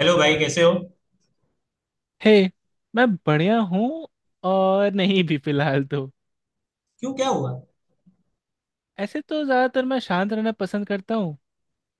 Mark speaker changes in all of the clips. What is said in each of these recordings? Speaker 1: Hello भाई कैसे हो।
Speaker 2: हे, मैं बढ़िया हूँ। और नहीं भी फिलहाल तो।
Speaker 1: क्यों क्या हुआ।
Speaker 2: ऐसे तो ज़्यादातर मैं शांत रहना पसंद करता हूँ,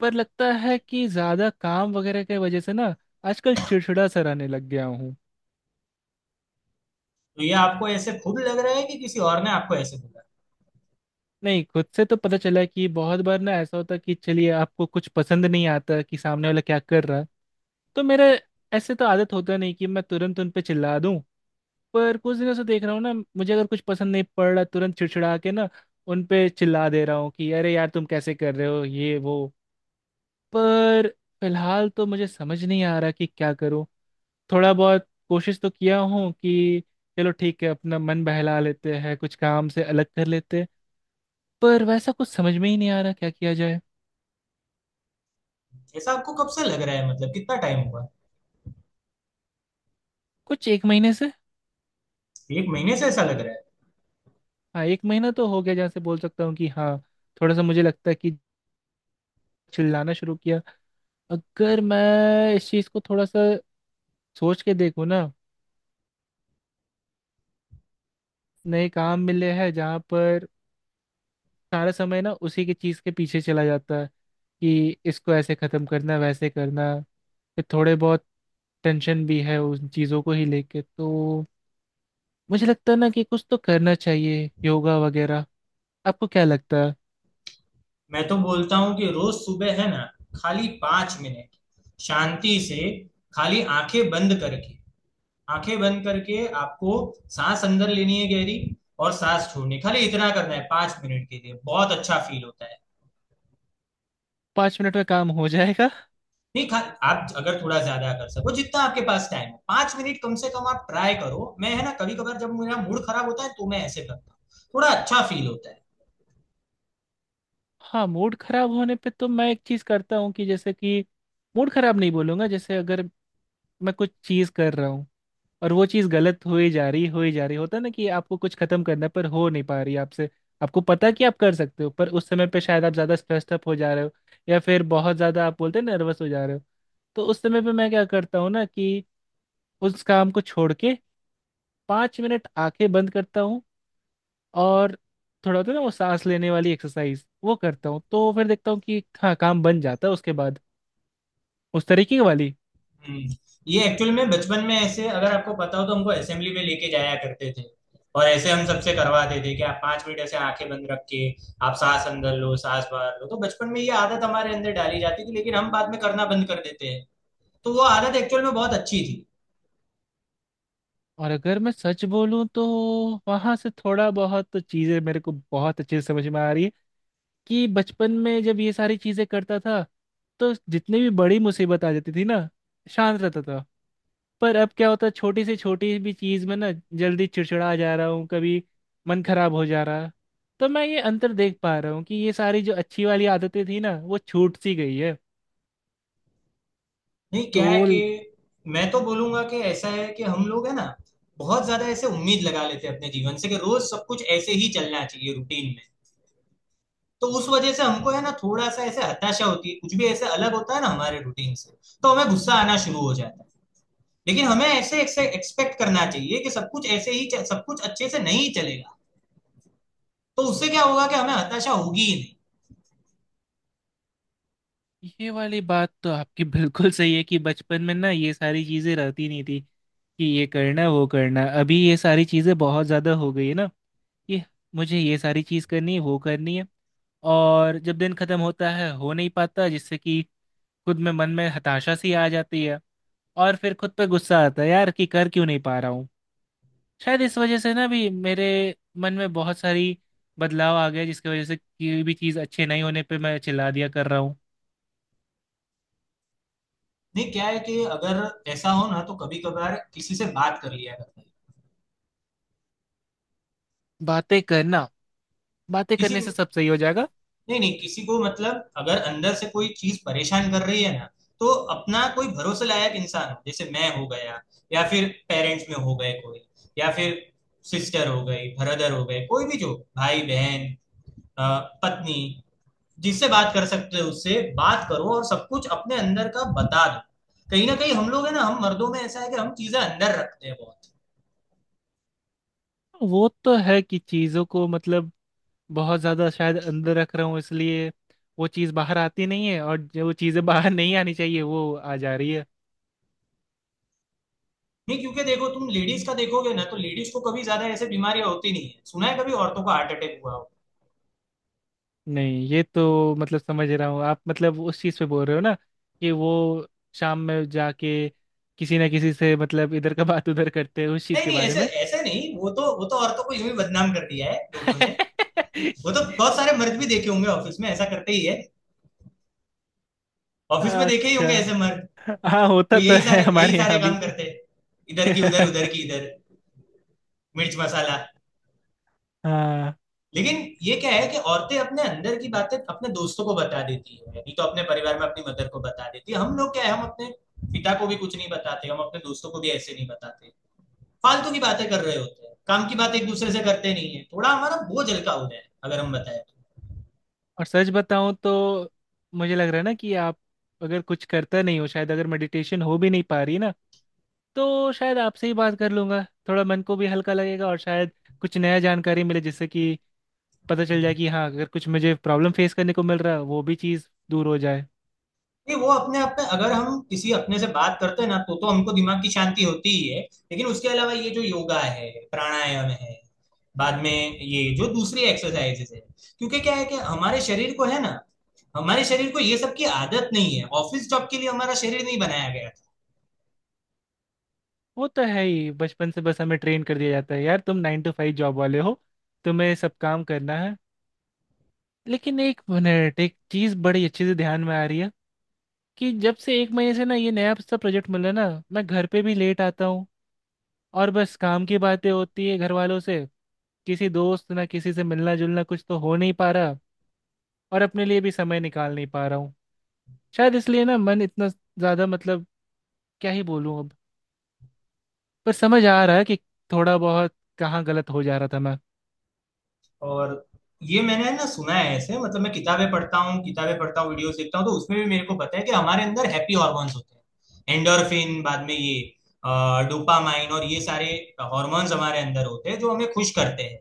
Speaker 2: पर लगता है कि ज़्यादा काम वगैरह की वजह से ना आजकल चिड़चिड़ा सा रहने लग गया हूँ।
Speaker 1: तो ये आपको ऐसे खुद लग रहा है कि किसी और ने आपको ऐसे बोला।
Speaker 2: नहीं, खुद से तो पता चला कि बहुत बार ना ऐसा होता कि चलिए आपको कुछ पसंद नहीं आता कि सामने वाला क्या कर रहा है। तो मेरे ऐसे तो आदत होता नहीं कि मैं तुरंत उन पे चिल्ला दूं। पर कुछ दिनों से देख रहा हूँ ना, मुझे अगर कुछ पसंद नहीं पड़ रहा तुरंत चिड़चिड़ा के ना उन पे चिल्ला दे रहा हूँ कि अरे यार तुम कैसे कर रहे हो ये वो। पर फिलहाल तो मुझे समझ नहीं आ रहा कि क्या करूँ। थोड़ा बहुत कोशिश तो किया हूँ कि चलो ठीक है, अपना मन बहला लेते हैं, कुछ काम से अलग कर लेते हैं। पर वैसा कुछ समझ में ही नहीं आ रहा क्या किया जाए।
Speaker 1: ऐसा आपको कब से लग रहा है, मतलब कितना टाइम हुआ।
Speaker 2: कुछ एक महीने से।
Speaker 1: एक महीने से ऐसा लग रहा है।
Speaker 2: हाँ, एक महीना तो हो गया जहाँ से बोल सकता हूँ कि हाँ थोड़ा सा मुझे लगता है कि चिल्लाना शुरू किया। अगर मैं इस चीज़ को थोड़ा सा सोच के देखो ना, नए काम मिले हैं जहाँ पर सारा समय ना उसी की चीज के पीछे चला जाता है कि इसको ऐसे खत्म करना वैसे करना। फिर थोड़े बहुत टेंशन भी है उन चीजों को ही लेके। तो मुझे लगता है ना कि कुछ तो करना चाहिए, योगा वगैरह। आपको क्या लगता है।
Speaker 1: मैं तो बोलता हूँ कि रोज सुबह है ना, खाली 5 मिनट, शांति से, खाली आंखें बंद करके, आंखें बंद करके आपको सांस अंदर लेनी है गहरी, और सांस छोड़नी, खाली इतना करना है 5 मिनट के लिए, बहुत अच्छा फील होता है।
Speaker 2: 5 मिनट में काम हो जाएगा।
Speaker 1: नहीं। खा आप अगर थोड़ा ज्यादा कर सको जितना आपके पास टाइम है, 5 मिनट कम से कम आप ट्राई करो। मैं है ना, कभी कभार जब मेरा मूड खराब होता है तो मैं ऐसे करता हूँ, थोड़ा अच्छा फील होता है।
Speaker 2: हाँ, मूड खराब होने पे तो मैं एक चीज करता हूँ कि जैसे कि मूड खराब नहीं बोलूंगा, जैसे अगर मैं कुछ चीज कर रहा हूँ और वो चीज़ गलत हो ही जा रही हो ही जा रही होता है ना कि आपको कुछ खत्म करना है, पर हो नहीं पा रही आपसे। आपको पता है कि आप कर सकते हो, पर उस समय पे शायद आप ज़्यादा स्ट्रेस्ड अप हो जा रहे हो, या फिर बहुत ज़्यादा आप बोलते हैं नर्वस हो जा रहे हो। तो उस समय पे मैं क्या करता हूँ ना कि उस काम को छोड़ के 5 मिनट आंखें बंद करता हूँ और थोड़ा होता है ना वो सांस लेने वाली एक्सरसाइज, वो करता हूँ तो फिर देखता हूँ कि हाँ काम बन जाता है उसके बाद, उस तरीके वाली।
Speaker 1: हम्म। ये एक्चुअल में बचपन में ऐसे, अगर आपको पता हो, तो हमको असेंबली में लेके जाया करते थे, और ऐसे हम सबसे करवाते थे कि आप 5 मिनट ऐसे आंखें बंद रख के आप सांस अंदर लो सांस बाहर लो। तो बचपन में ये आदत हमारे अंदर डाली जाती थी, लेकिन हम बाद में करना बंद कर देते हैं। तो वो आदत एक्चुअल में बहुत अच्छी थी।
Speaker 2: और अगर मैं सच बोलूं तो वहां से थोड़ा बहुत चीजें मेरे को बहुत अच्छे से समझ में आ रही है कि बचपन में जब ये सारी चीजें करता था तो जितनी भी बड़ी मुसीबत आ जाती थी ना, शांत रहता था। पर अब क्या होता है, छोटी से छोटी भी चीज में ना जल्दी चिड़चिड़ा जा रहा हूँ, कभी मन खराब हो जा रहा है। तो मैं ये अंतर देख पा रहा हूँ कि ये सारी जो अच्छी वाली आदतें थी ना वो छूट सी गई है।
Speaker 1: नहीं
Speaker 2: तो
Speaker 1: क्या है कि मैं तो बोलूंगा कि ऐसा है कि हम लोग है ना, बहुत ज्यादा ऐसे उम्मीद लगा लेते हैं अपने जीवन से कि रोज सब कुछ ऐसे ही चलना चाहिए रूटीन में। तो उस वजह से हमको है ना थोड़ा सा ऐसे हताशा होती है, कुछ भी ऐसे अलग होता है ना हमारे रूटीन से, तो हमें गुस्सा आना शुरू हो जाता है। लेकिन हमें ऐसे ऐसे एक्सपेक्ट करना चाहिए कि सब कुछ ऐसे ही चल- सब कुछ अच्छे से नहीं चलेगा, तो उससे क्या होगा कि हमें हताशा होगी ही नहीं।
Speaker 2: ये वाली बात तो आपकी बिल्कुल सही है कि बचपन में ना ये सारी चीजें रहती नहीं थी कि ये करना वो करना। अभी ये सारी चीजें बहुत ज्यादा हो गई है ना कि मुझे ये सारी चीज करनी है वो करनी है। और जब दिन खत्म होता है हो नहीं पाता, जिससे कि खुद में मन में हताशा सी आ जाती है और फिर खुद पे गुस्सा आता है यार कि कर क्यों नहीं पा रहा हूँ। शायद इस वजह से ना भी मेरे मन में बहुत सारी बदलाव आ गया, जिसकी वजह से कोई भी चीज अच्छे नहीं होने पे मैं चिल्ला दिया कर रहा हूँ।
Speaker 1: नहीं क्या है कि अगर ऐसा हो ना तो कभी कभार किसी से बात कर लिया करता है।
Speaker 2: बातें करना? बातें
Speaker 1: किसी
Speaker 2: करने से सब सही हो जाएगा।
Speaker 1: नहीं, नहीं, किसी को मतलब अगर अंदर से कोई चीज परेशान कर रही है ना, तो अपना कोई भरोसे लायक इंसान हो, जैसे मैं हो गया, या फिर पेरेंट्स में हो गए कोई, या फिर सिस्टर हो गई, ब्रदर हो गए, कोई भी जो भाई बहन, अ, पत्नी, जिससे बात कर सकते हो उससे बात करो और सब कुछ अपने अंदर का बता दो। कहीं ना कहीं हम लोग है ना, हम मर्दों में ऐसा है कि हम चीजें अंदर रखते हैं बहुत।
Speaker 2: वो तो है कि चीज़ों को बहुत ज़्यादा शायद अंदर रख रहा हूँ, इसलिए वो चीज़ बाहर आती नहीं है और जो चीज़ें बाहर नहीं आनी चाहिए वो आ जा रही है।
Speaker 1: नहीं, क्योंकि देखो तुम लेडीज का देखोगे ना तो लेडीज को कभी ज्यादा ऐसे बीमारियां होती नहीं है। सुना है कभी औरतों को हार्ट अटैक हुआ हो।
Speaker 2: नहीं, ये तो मतलब समझ रहा हूँ, आप मतलब उस चीज़ पे बोल रहे हो ना कि वो शाम में जाके किसी ना किसी से मतलब इधर का बात उधर करते हैं उस चीज़
Speaker 1: नहीं
Speaker 2: के
Speaker 1: नहीं,
Speaker 2: बारे
Speaker 1: ऐसे
Speaker 2: में।
Speaker 1: ऐसे नहीं, वो तो औरतों को यूं ही बदनाम कर दिया है लोगों ने। वो तो बहुत सारे मर्द भी देखे होंगे ऑफिस में ऐसा करते ही है। ऑफिस में देखे ही
Speaker 2: अच्छा।
Speaker 1: होंगे ऐसे मर्द।
Speaker 2: हाँ
Speaker 1: तो
Speaker 2: होता तो
Speaker 1: यही
Speaker 2: है
Speaker 1: सारे यही
Speaker 2: हमारे यहाँ
Speaker 1: सारे
Speaker 2: भी।
Speaker 1: काम करते हैं, इधर की उधर उधर की इधर, मिर्च मसाला।
Speaker 2: हाँ।
Speaker 1: लेकिन ये क्या है कि औरतें अपने अंदर की बातें अपने दोस्तों को बता देती है, नहीं तो अपने परिवार में अपनी मदर को बता देती है। हम लोग क्या है, हम अपने पिता को भी कुछ नहीं बताते, हम अपने दोस्तों को भी ऐसे नहीं बताते, फालतू की बातें कर रहे होते हैं, काम की बात एक दूसरे से करते नहीं है। थोड़ा हमारा बोझ हल्का हो जाए अगर हम बताए
Speaker 2: और सच बताऊं तो मुझे लग रहा है ना कि आप, अगर कुछ करता नहीं हो शायद, अगर मेडिटेशन हो भी नहीं पा रही ना, तो शायद आपसे ही बात कर लूंगा। थोड़ा मन को भी हल्का लगेगा और शायद कुछ नया जानकारी मिले जिससे कि पता
Speaker 1: तो।
Speaker 2: चल जाए कि हाँ, अगर कुछ मुझे प्रॉब्लम फेस करने को मिल रहा है वो भी चीज़ दूर हो जाए।
Speaker 1: नहीं, वो अपने आप में अगर हम किसी अपने से बात करते हैं ना तो हमको दिमाग की शांति होती ही है, लेकिन उसके अलावा ये जो योगा है, प्राणायाम है, बाद में ये जो दूसरी एक्सरसाइजेस है, क्योंकि क्या है कि हमारे शरीर को है ना, हमारे शरीर को ये सब की आदत नहीं है, ऑफिस जॉब के लिए हमारा शरीर नहीं बनाया गया।
Speaker 2: वो तो है ही, बचपन से बस हमें ट्रेन कर दिया जाता है यार, तुम 9 to 5 जॉब वाले हो, तुम्हें सब काम करना है। लेकिन एक मिनट, एक चीज़ बड़ी अच्छे से ध्यान में आ रही है कि जब से एक महीने से ना ये नया सा प्रोजेक्ट मिला ना, मैं घर पे भी लेट आता हूँ और बस काम की बातें होती है घर वालों से। किसी दोस्त ना किसी से मिलना जुलना कुछ तो हो नहीं पा रहा और अपने लिए भी समय निकाल नहीं पा रहा हूँ। शायद इसलिए ना मन इतना ज्यादा क्या ही बोलूँ अब। पर समझ आ रहा है कि थोड़ा बहुत कहाँ गलत हो जा रहा था मैं।
Speaker 1: और ये मैंने ना सुना है ऐसे, मतलब मैं किताबें पढ़ता हूँ, किताबें पढ़ता हूँ वीडियोस देखता हूँ, तो उसमें भी मेरे को पता है कि हमारे अंदर हैप्पी हॉर्मोन्स होते हैं, एंडोर्फिन, बाद में ये डोपामाइन, और ये सारे हॉर्मोन्स हमारे अंदर होते हैं जो हमें खुश करते हैं।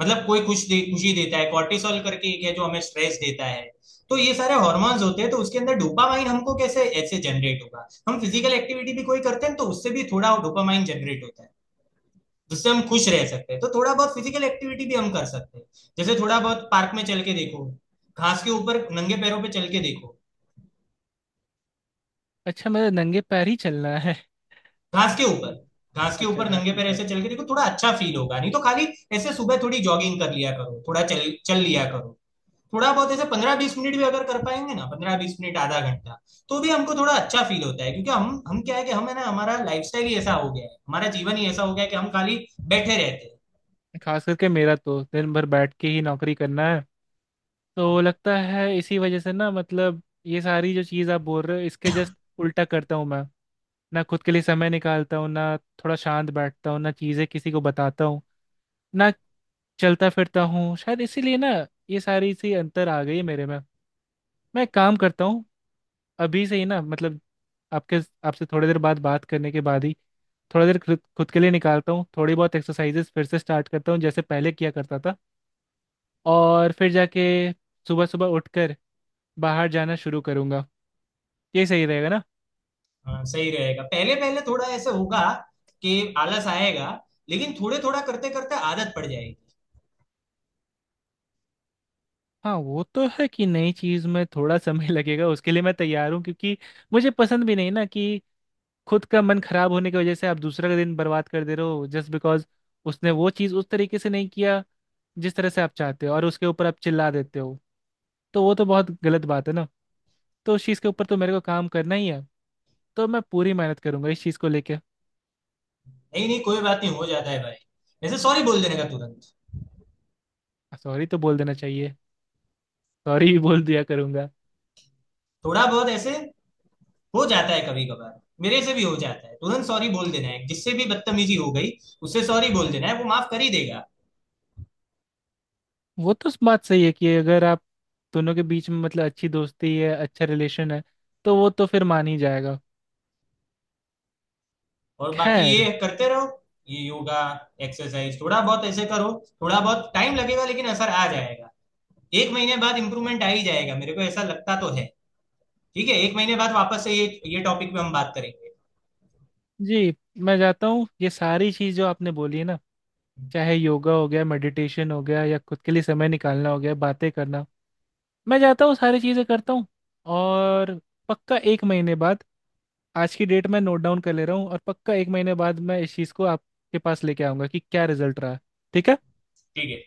Speaker 1: मतलब कोई खुश दे, खुशी देता है, कॉर्टिसोल करके एक है जो हमें स्ट्रेस देता है। तो ये सारे हॉर्मोन्स होते हैं, तो उसके अंदर डोपामाइन हमको कैसे ऐसे जनरेट होगा, हम फिजिकल एक्टिविटी भी कोई करते हैं तो उससे भी थोड़ा डोपामाइन जनरेट होता है, जिससे हम खुश रह सकते हैं। तो थोड़ा बहुत फिजिकल एक्टिविटी भी हम कर सकते हैं। जैसे थोड़ा बहुत पार्क में चल के देखो, घास के ऊपर नंगे पैरों पे चल के देखो।
Speaker 2: अच्छा, मुझे नंगे पैर ही चलना है।
Speaker 1: घास के ऊपर,
Speaker 2: हम्म।
Speaker 1: घास के
Speaker 2: अच्छा,
Speaker 1: ऊपर
Speaker 2: घास
Speaker 1: नंगे
Speaker 2: के
Speaker 1: पैर
Speaker 2: ऊपर।
Speaker 1: ऐसे चल के देखो, थोड़ा अच्छा फील होगा। नहीं तो खाली ऐसे सुबह थोड़ी जॉगिंग कर लिया करो, थोड़ा चल चल लिया करो। थोड़ा बहुत ऐसे 15-20 मिनट भी अगर कर पाएंगे ना, 15-20 मिनट आधा घंटा, तो भी हमको थोड़ा अच्छा फील होता है। क्योंकि हम क्या है कि हम है ना, हमारा लाइफस्टाइल ही ऐसा हो गया है, हमारा जीवन ही ऐसा हो गया है कि हम खाली बैठे रहते हैं।
Speaker 2: खास करके मेरा तो दिन भर बैठ के ही नौकरी करना है। तो लगता है इसी वजह से ना ये सारी जो चीज़ आप बोल रहे हो इसके जस्ट उल्टा करता हूँ मैं। ना खुद के लिए समय निकालता हूँ, ना थोड़ा शांत बैठता हूँ, ना चीज़ें किसी को बताता हूँ, ना चलता फिरता हूँ। शायद इसीलिए ना ये सारी सी अंतर आ गई है मेरे में। मैं एक काम करता हूँ, अभी से ही ना आपके आपसे थोड़ी देर बाद बात करने के बाद ही थोड़ा देर खुद खुद के लिए निकालता हूँ, थोड़ी बहुत एक्सरसाइजेस फिर से स्टार्ट करता हूँ जैसे पहले किया करता था। और फिर जाके सुबह सुबह उठकर बाहर जाना शुरू करूंगा। ये सही रहेगा ना?
Speaker 1: हाँ सही रहेगा। पहले पहले थोड़ा ऐसे होगा कि आलस आएगा, लेकिन थोड़े थोड़ा करते करते आदत पड़ जाएगी।
Speaker 2: हाँ वो तो है कि नई चीज में थोड़ा समय लगेगा, उसके लिए मैं तैयार हूँ, क्योंकि मुझे पसंद भी नहीं ना कि खुद का मन खराब होने की वजह से आप दूसरा का दिन बर्बाद कर दे रहे हो, जस्ट बिकॉज उसने वो चीज उस तरीके से नहीं किया जिस तरह से आप चाहते हो, और उसके ऊपर आप चिल्ला देते हो। तो वो तो बहुत गलत बात है ना। तो उस चीज के ऊपर तो मेरे को काम करना ही है। तो मैं पूरी मेहनत करूंगा इस चीज को लेके।
Speaker 1: नहीं नहीं कोई बात नहीं, हो जाता है भाई, ऐसे सॉरी बोल देने का तुरंत।
Speaker 2: सॉरी तो बोल देना चाहिए, सॉरी भी बोल दिया करूंगा।
Speaker 1: थोड़ा बहुत ऐसे हो जाता है, कभी कभार मेरे से भी हो जाता है, तुरंत सॉरी बोल देना है, जिससे भी बदतमीजी हो गई उससे सॉरी बोल देना है, वो माफ कर ही देगा।
Speaker 2: वो तो बात सही है कि अगर आप दोनों के बीच में मतलब अच्छी दोस्ती है, अच्छा रिलेशन है, तो वो तो फिर मान ही जाएगा।
Speaker 1: और बाकी
Speaker 2: खैर,
Speaker 1: ये करते रहो, ये योगा, एक्सरसाइज थोड़ा बहुत ऐसे करो, थोड़ा बहुत टाइम लगेगा लेकिन असर आ जाएगा। एक महीने बाद इंप्रूवमेंट आ ही जाएगा, मेरे को ऐसा लगता तो है। ठीक है, एक महीने बाद वापस से ये टॉपिक पे हम बात करेंगे।
Speaker 2: जी। मैं जाता हूँ, ये सारी चीज़ जो आपने बोली है ना, चाहे योगा हो गया, मेडिटेशन हो गया, या खुद के लिए समय निकालना हो गया, बातें करना, मैं जाता हूँ सारी चीज़ें करता हूँ। और पक्का एक महीने बाद आज की डेट में नोट डाउन कर ले रहा हूँ, और पक्का एक महीने बाद मैं इस चीज़ को आपके पास लेके आऊँगा कि क्या रिजल्ट रहा। ठीक है।
Speaker 1: ठीक है।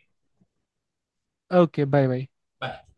Speaker 2: Okay, bye bye.
Speaker 1: बाय।